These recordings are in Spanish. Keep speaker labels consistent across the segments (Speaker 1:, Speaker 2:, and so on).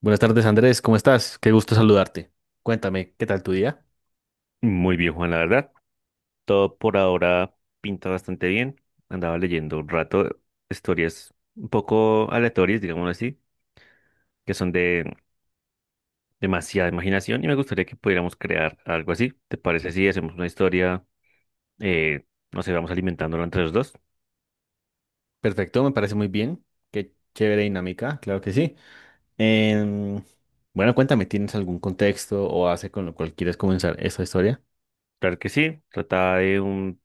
Speaker 1: Buenas tardes, Andrés, ¿cómo estás? Qué gusto saludarte. Cuéntame, ¿qué tal tu día?
Speaker 2: Muy bien, Juan, la verdad. Todo por ahora pinta bastante bien. Andaba leyendo un rato historias un poco aleatorias, digamos así, que son de demasiada imaginación y me gustaría que pudiéramos crear algo así. ¿Te parece si hacemos una historia, eh, no sé, vamos alimentándola entre los dos?
Speaker 1: Perfecto, me parece muy bien. Qué chévere dinámica, claro que sí. Em, bueno, cuéntame, ¿tienes algún contexto o hace con lo cual quieres comenzar esta historia?
Speaker 2: Claro que sí. Trata de un,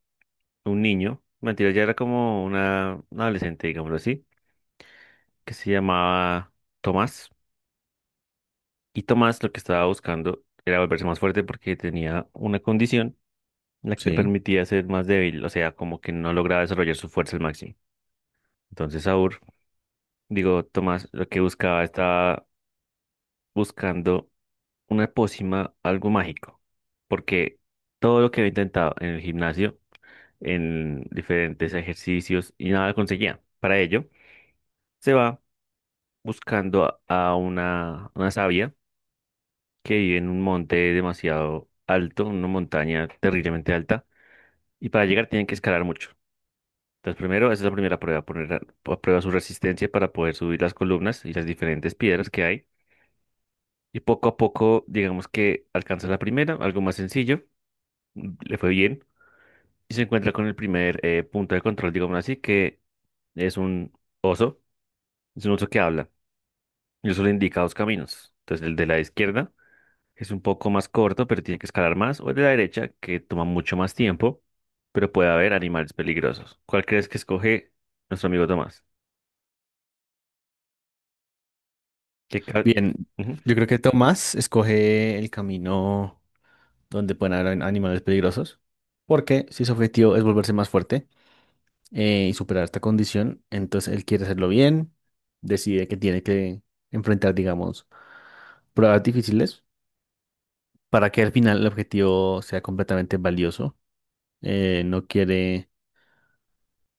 Speaker 2: un niño, mentira, ya era como una adolescente, digámoslo así, que se llamaba Tomás. Y Tomás lo que estaba buscando era volverse más fuerte porque tenía una condición la que le
Speaker 1: Sí.
Speaker 2: permitía ser más débil, o sea, como que no lograba desarrollar su fuerza al máximo. Entonces, Tomás, lo que buscaba estaba buscando una pócima, algo mágico, porque todo lo que había intentado en el gimnasio, en diferentes ejercicios y nada conseguía. Para ello, se va buscando a, a una sabia que vive en un monte demasiado alto, una montaña terriblemente alta, y para llegar tienen que escalar mucho. Entonces, primero, esa es la primera prueba, poner a prueba su resistencia para poder subir las columnas y las diferentes piedras que hay. Y poco a poco, digamos que alcanza la primera, algo más sencillo, le fue bien, y se encuentra con el primer punto de control, digamos así, que es un oso, es un oso que habla, y eso le indica dos caminos. Entonces, el de la izquierda es un poco más corto, pero tiene que escalar más, o el de la derecha, que toma mucho más tiempo, pero puede haber animales peligrosos. ¿Cuál crees que escoge nuestro amigo Tomás? ¿Qué ca-
Speaker 1: Bien,
Speaker 2: Ujú.
Speaker 1: yo creo que Tomás escoge el camino donde pueden haber animales peligrosos, porque si su objetivo es volverse más fuerte y superar esta condición, entonces él quiere hacerlo bien, decide que tiene que enfrentar, digamos, pruebas difíciles para que al final el objetivo sea completamente valioso. No quiere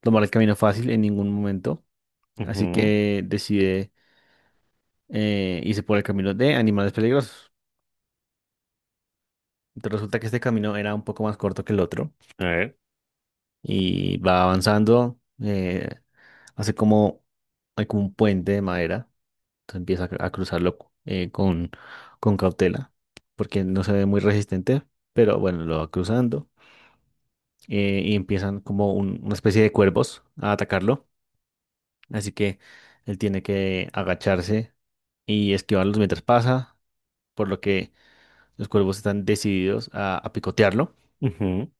Speaker 1: tomar el camino fácil en ningún momento, así
Speaker 2: Ujú,
Speaker 1: que decide irse por el camino de animales peligrosos. Entonces resulta que este camino era un poco más corto que el otro
Speaker 2: a ver,
Speaker 1: y va avanzando, hace hay como un puente de madera, entonces empieza a cruzarlo eh, con, con cautela, porque no se ve muy resistente, pero bueno, lo va cruzando y empiezan como una especie de cuervos a atacarlo. Así que él tiene que agacharse y esquivarlos mientras pasa, por lo que los cuervos están decididos a picotearlo.
Speaker 2: ujú,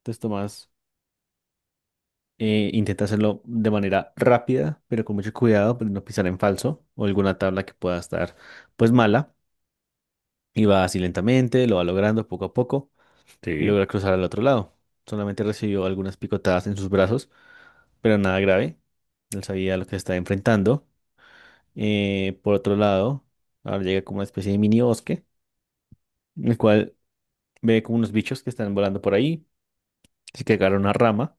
Speaker 1: Entonces Tomás intenta hacerlo de manera rápida, pero con mucho cuidado, para no pisar en falso o alguna tabla que pueda estar pues mala. Y va así lentamente, lo va logrando poco a poco y
Speaker 2: sí,
Speaker 1: logra cruzar al otro lado. Solamente recibió algunas picotadas en sus brazos, pero nada grave. Él sabía lo que se estaba enfrentando. Por otro lado, ahora llega como una especie de mini bosque, en el cual ve como unos bichos que están volando por ahí. Así que agarra una rama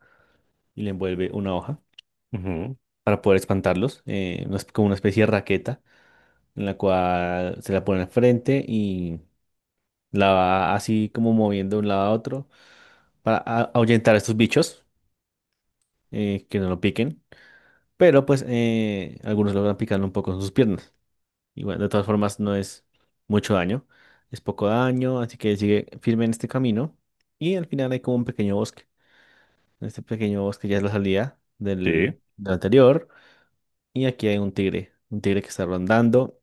Speaker 1: y le envuelve una hoja
Speaker 2: ujú,
Speaker 1: para poder espantarlos. Como una especie de raqueta en la cual se la pone al frente y la va así como moviendo de un lado a otro para ahuyentar a estos bichos que no lo piquen. Pero pues algunos logran picarlo un poco en sus piernas. Y bueno, de todas formas no es mucho daño, es poco daño, así que sigue firme en este camino. Y al final hay como un pequeño bosque. En este pequeño bosque ya es la salida
Speaker 2: sí.
Speaker 1: del anterior. Y aquí hay un tigre que está rondando.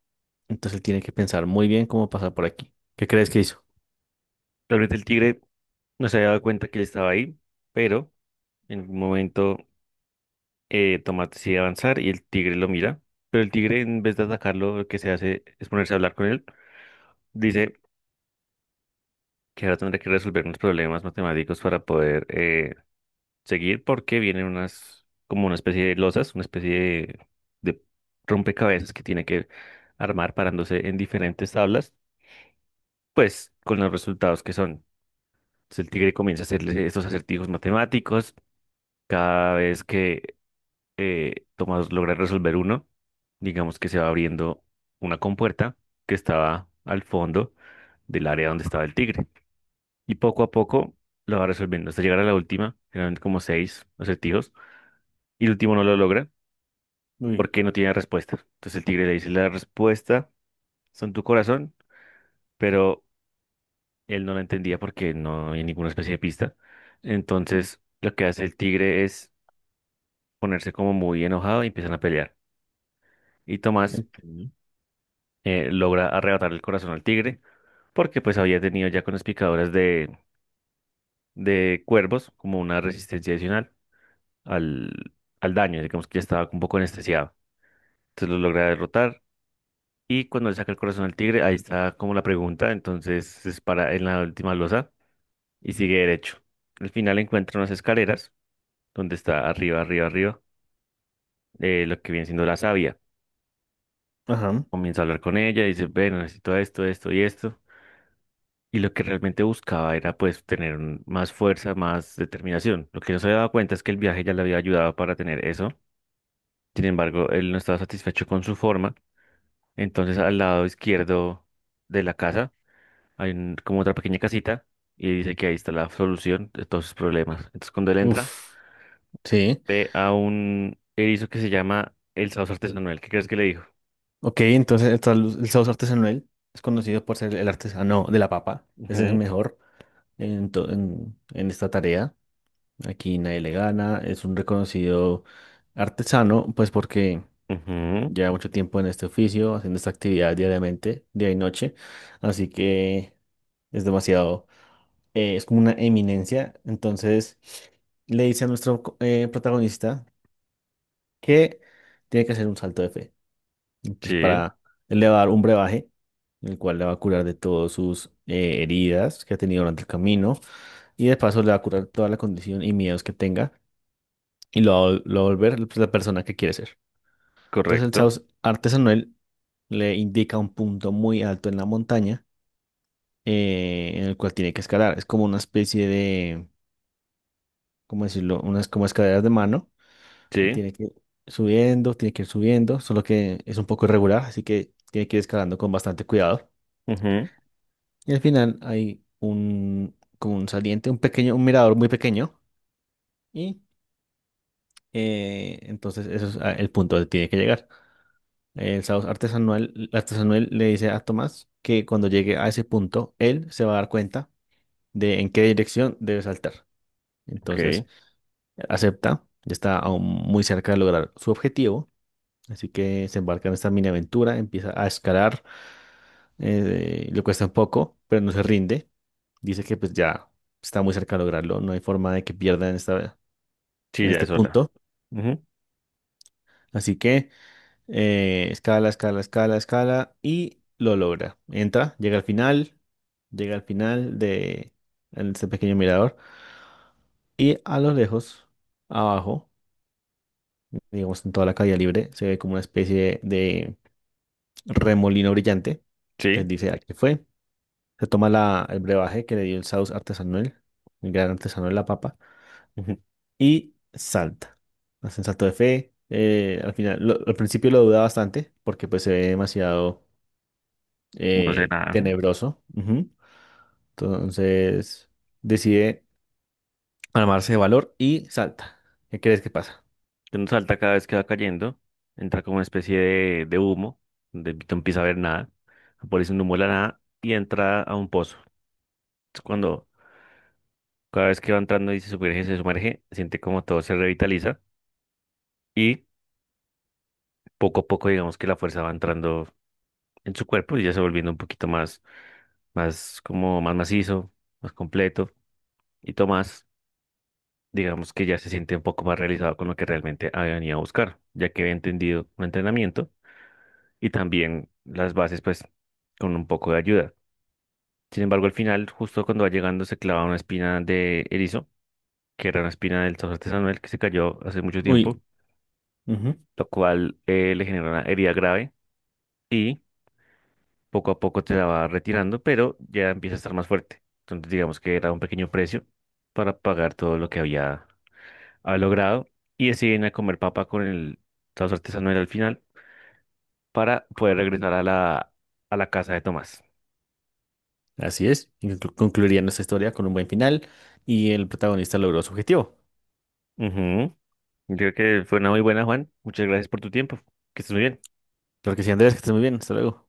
Speaker 1: Entonces él tiene que pensar muy bien cómo pasar por aquí. ¿Qué crees que hizo?
Speaker 2: Tal vez el tigre no se había dado cuenta que él estaba ahí, pero en un momento Tomás decide avanzar y el tigre lo mira. Pero el tigre, en vez de atacarlo, lo que se hace es ponerse a hablar con él. Dice que ahora tendrá que resolver unos problemas matemáticos para poder seguir, porque vienen unas, como una especie de losas, una especie de rompecabezas que tiene que armar parándose en diferentes tablas, pues con los resultados que son. Entonces el tigre comienza a hacerle estos acertijos matemáticos. Cada vez que Tomás logra resolver uno, digamos que se va abriendo una compuerta que estaba al fondo del área donde estaba el tigre. Y poco a poco lo va resolviendo hasta llegar a la última, generalmente como seis acertijos. Y el último no lo logra
Speaker 1: Uy,
Speaker 2: porque no tiene respuesta. Entonces el tigre le dice, la respuesta son tu corazón, pero él no la entendía porque no hay ninguna especie de pista. Entonces lo que hace el tigre es ponerse como muy enojado y empiezan a pelear. Y Tomás
Speaker 1: entiendo.
Speaker 2: logra arrebatar el corazón al tigre porque pues había tenido ya con las picadoras de cuervos como una resistencia adicional al, al daño, digamos que ya estaba un poco anestesiado. Entonces lo logra derrotar y cuando le saca el corazón al tigre, ahí está como la pregunta, entonces se para en la última losa y sigue derecho. Al final encuentra unas escaleras donde está arriba, arriba, arriba, lo que viene siendo la savia.
Speaker 1: Ajá.
Speaker 2: Comienza a hablar con ella, dice, bueno, necesito esto, esto y esto. Y lo que realmente buscaba era pues tener más fuerza, más determinación. Lo que no se había dado cuenta es que el viaje ya le había ayudado para tener eso. Sin embargo, él no estaba satisfecho con su forma. Entonces, al lado izquierdo de la casa hay como otra pequeña casita y dice que ahí está la solución de todos sus problemas. Entonces, cuando él entra,
Speaker 1: Uf. Sí.
Speaker 2: ve a un erizo que se llama el sauce artesanal. ¿Qué crees que le dijo?
Speaker 1: Ok, entonces el sauce artesanal es conocido por ser el artesano de la papa. Ese es el
Speaker 2: Ujú,
Speaker 1: mejor en, to- en en esta tarea. Aquí nadie le gana, es un reconocido artesano, pues porque
Speaker 2: ujú,
Speaker 1: lleva mucho tiempo en este oficio, haciendo esta actividad diariamente, día y noche, así que es demasiado, es como una eminencia. Entonces le dice a nuestro protagonista que tiene que hacer un salto de fe. Entonces
Speaker 2: sí,
Speaker 1: para, él le va a dar un brebaje, el cual le va a curar de todas sus heridas que ha tenido durante el camino y de paso le va a curar toda la condición y miedos que tenga. Y lo va a volver pues la persona que quiere ser. Entonces el
Speaker 2: correcto.
Speaker 1: sauce artesanal le indica un punto muy alto en la montaña en el cual tiene que escalar. Es como una especie de, ¿cómo decirlo? Unas como escaleras de mano. Él
Speaker 2: Sí,
Speaker 1: tiene que ir subiendo, tiene que ir subiendo, solo que es un poco irregular, así que tiene que ir escalando con bastante cuidado.
Speaker 2: ujú,
Speaker 1: Y al final hay un, como un saliente, un pequeño, un mirador muy pequeño y entonces eso es el punto donde tiene que llegar. El Saus artesanal le dice a Tomás que cuando llegue a ese punto, él se va a dar cuenta de en qué dirección debe saltar. Entonces
Speaker 2: ok.
Speaker 1: acepta, ya está aún muy cerca de lograr su objetivo, así que se embarca en esta mini aventura, empieza a escalar, le cuesta un poco, pero no se rinde, dice que pues ya está muy cerca de lograrlo, no hay forma de que pierda en esta,
Speaker 2: Sí,
Speaker 1: en
Speaker 2: ya
Speaker 1: este
Speaker 2: es hora.
Speaker 1: punto,
Speaker 2: Ujú,
Speaker 1: así que escala, escala, escala, escala y lo logra. Entra, llega al final de ese pequeño mirador y a lo lejos, abajo, digamos en toda la calle libre, se ve como una especie de remolino brillante. Entonces
Speaker 2: sí.
Speaker 1: dice, aquí fue. Se toma el brebaje que le dio el Saus artesanal, el gran artesano de la papa, y salta. Hace un salto de fe. Al principio lo duda bastante porque pues se ve demasiado
Speaker 2: No sé nada. Ujú.
Speaker 1: tenebroso. Ujú. Entonces decide armarse de valor y salta. ¿Qué crees que pasa?
Speaker 2: Uno salta cada vez que va cayendo, entra como una especie de humo, donde no empieza a ver nada, aparece un humo de la nada y entra a un pozo. Es cuando cada vez que va entrando y se sumerge, siente como todo se revitaliza y poco a poco digamos que la fuerza va entrando en su cuerpo y ya se va volviendo un poquito más, más como más macizo, más completo y Tomás digamos que ya se siente un poco más realizado con lo que realmente había venido a buscar, ya que había entendido un entrenamiento y también las bases pues con un poco de ayuda. Sin embargo, al final, justo cuando va llegando, se clava una espina de erizo, que era una espina del sauce artesanal que se cayó hace mucho
Speaker 1: Uy,
Speaker 2: tiempo,
Speaker 1: ujú.
Speaker 2: lo cual le generó una herida grave y poco a poco te la va retirando, pero ya empieza a estar más fuerte. Entonces, digamos que era un pequeño precio para pagar todo lo que había logrado y deciden a comer papa con el sauce artesanal al final para poder regresar a a la casa de Tomás.
Speaker 1: Así es. Y concluiría nuestra historia con un buen final y el protagonista logró su objetivo.
Speaker 2: Ujú. Creo que fue una muy buena, Juan. Muchas gracias por tu tiempo. Que estés muy bien.
Speaker 1: Claro que sí, Andrés, que estés muy bien. Hasta luego.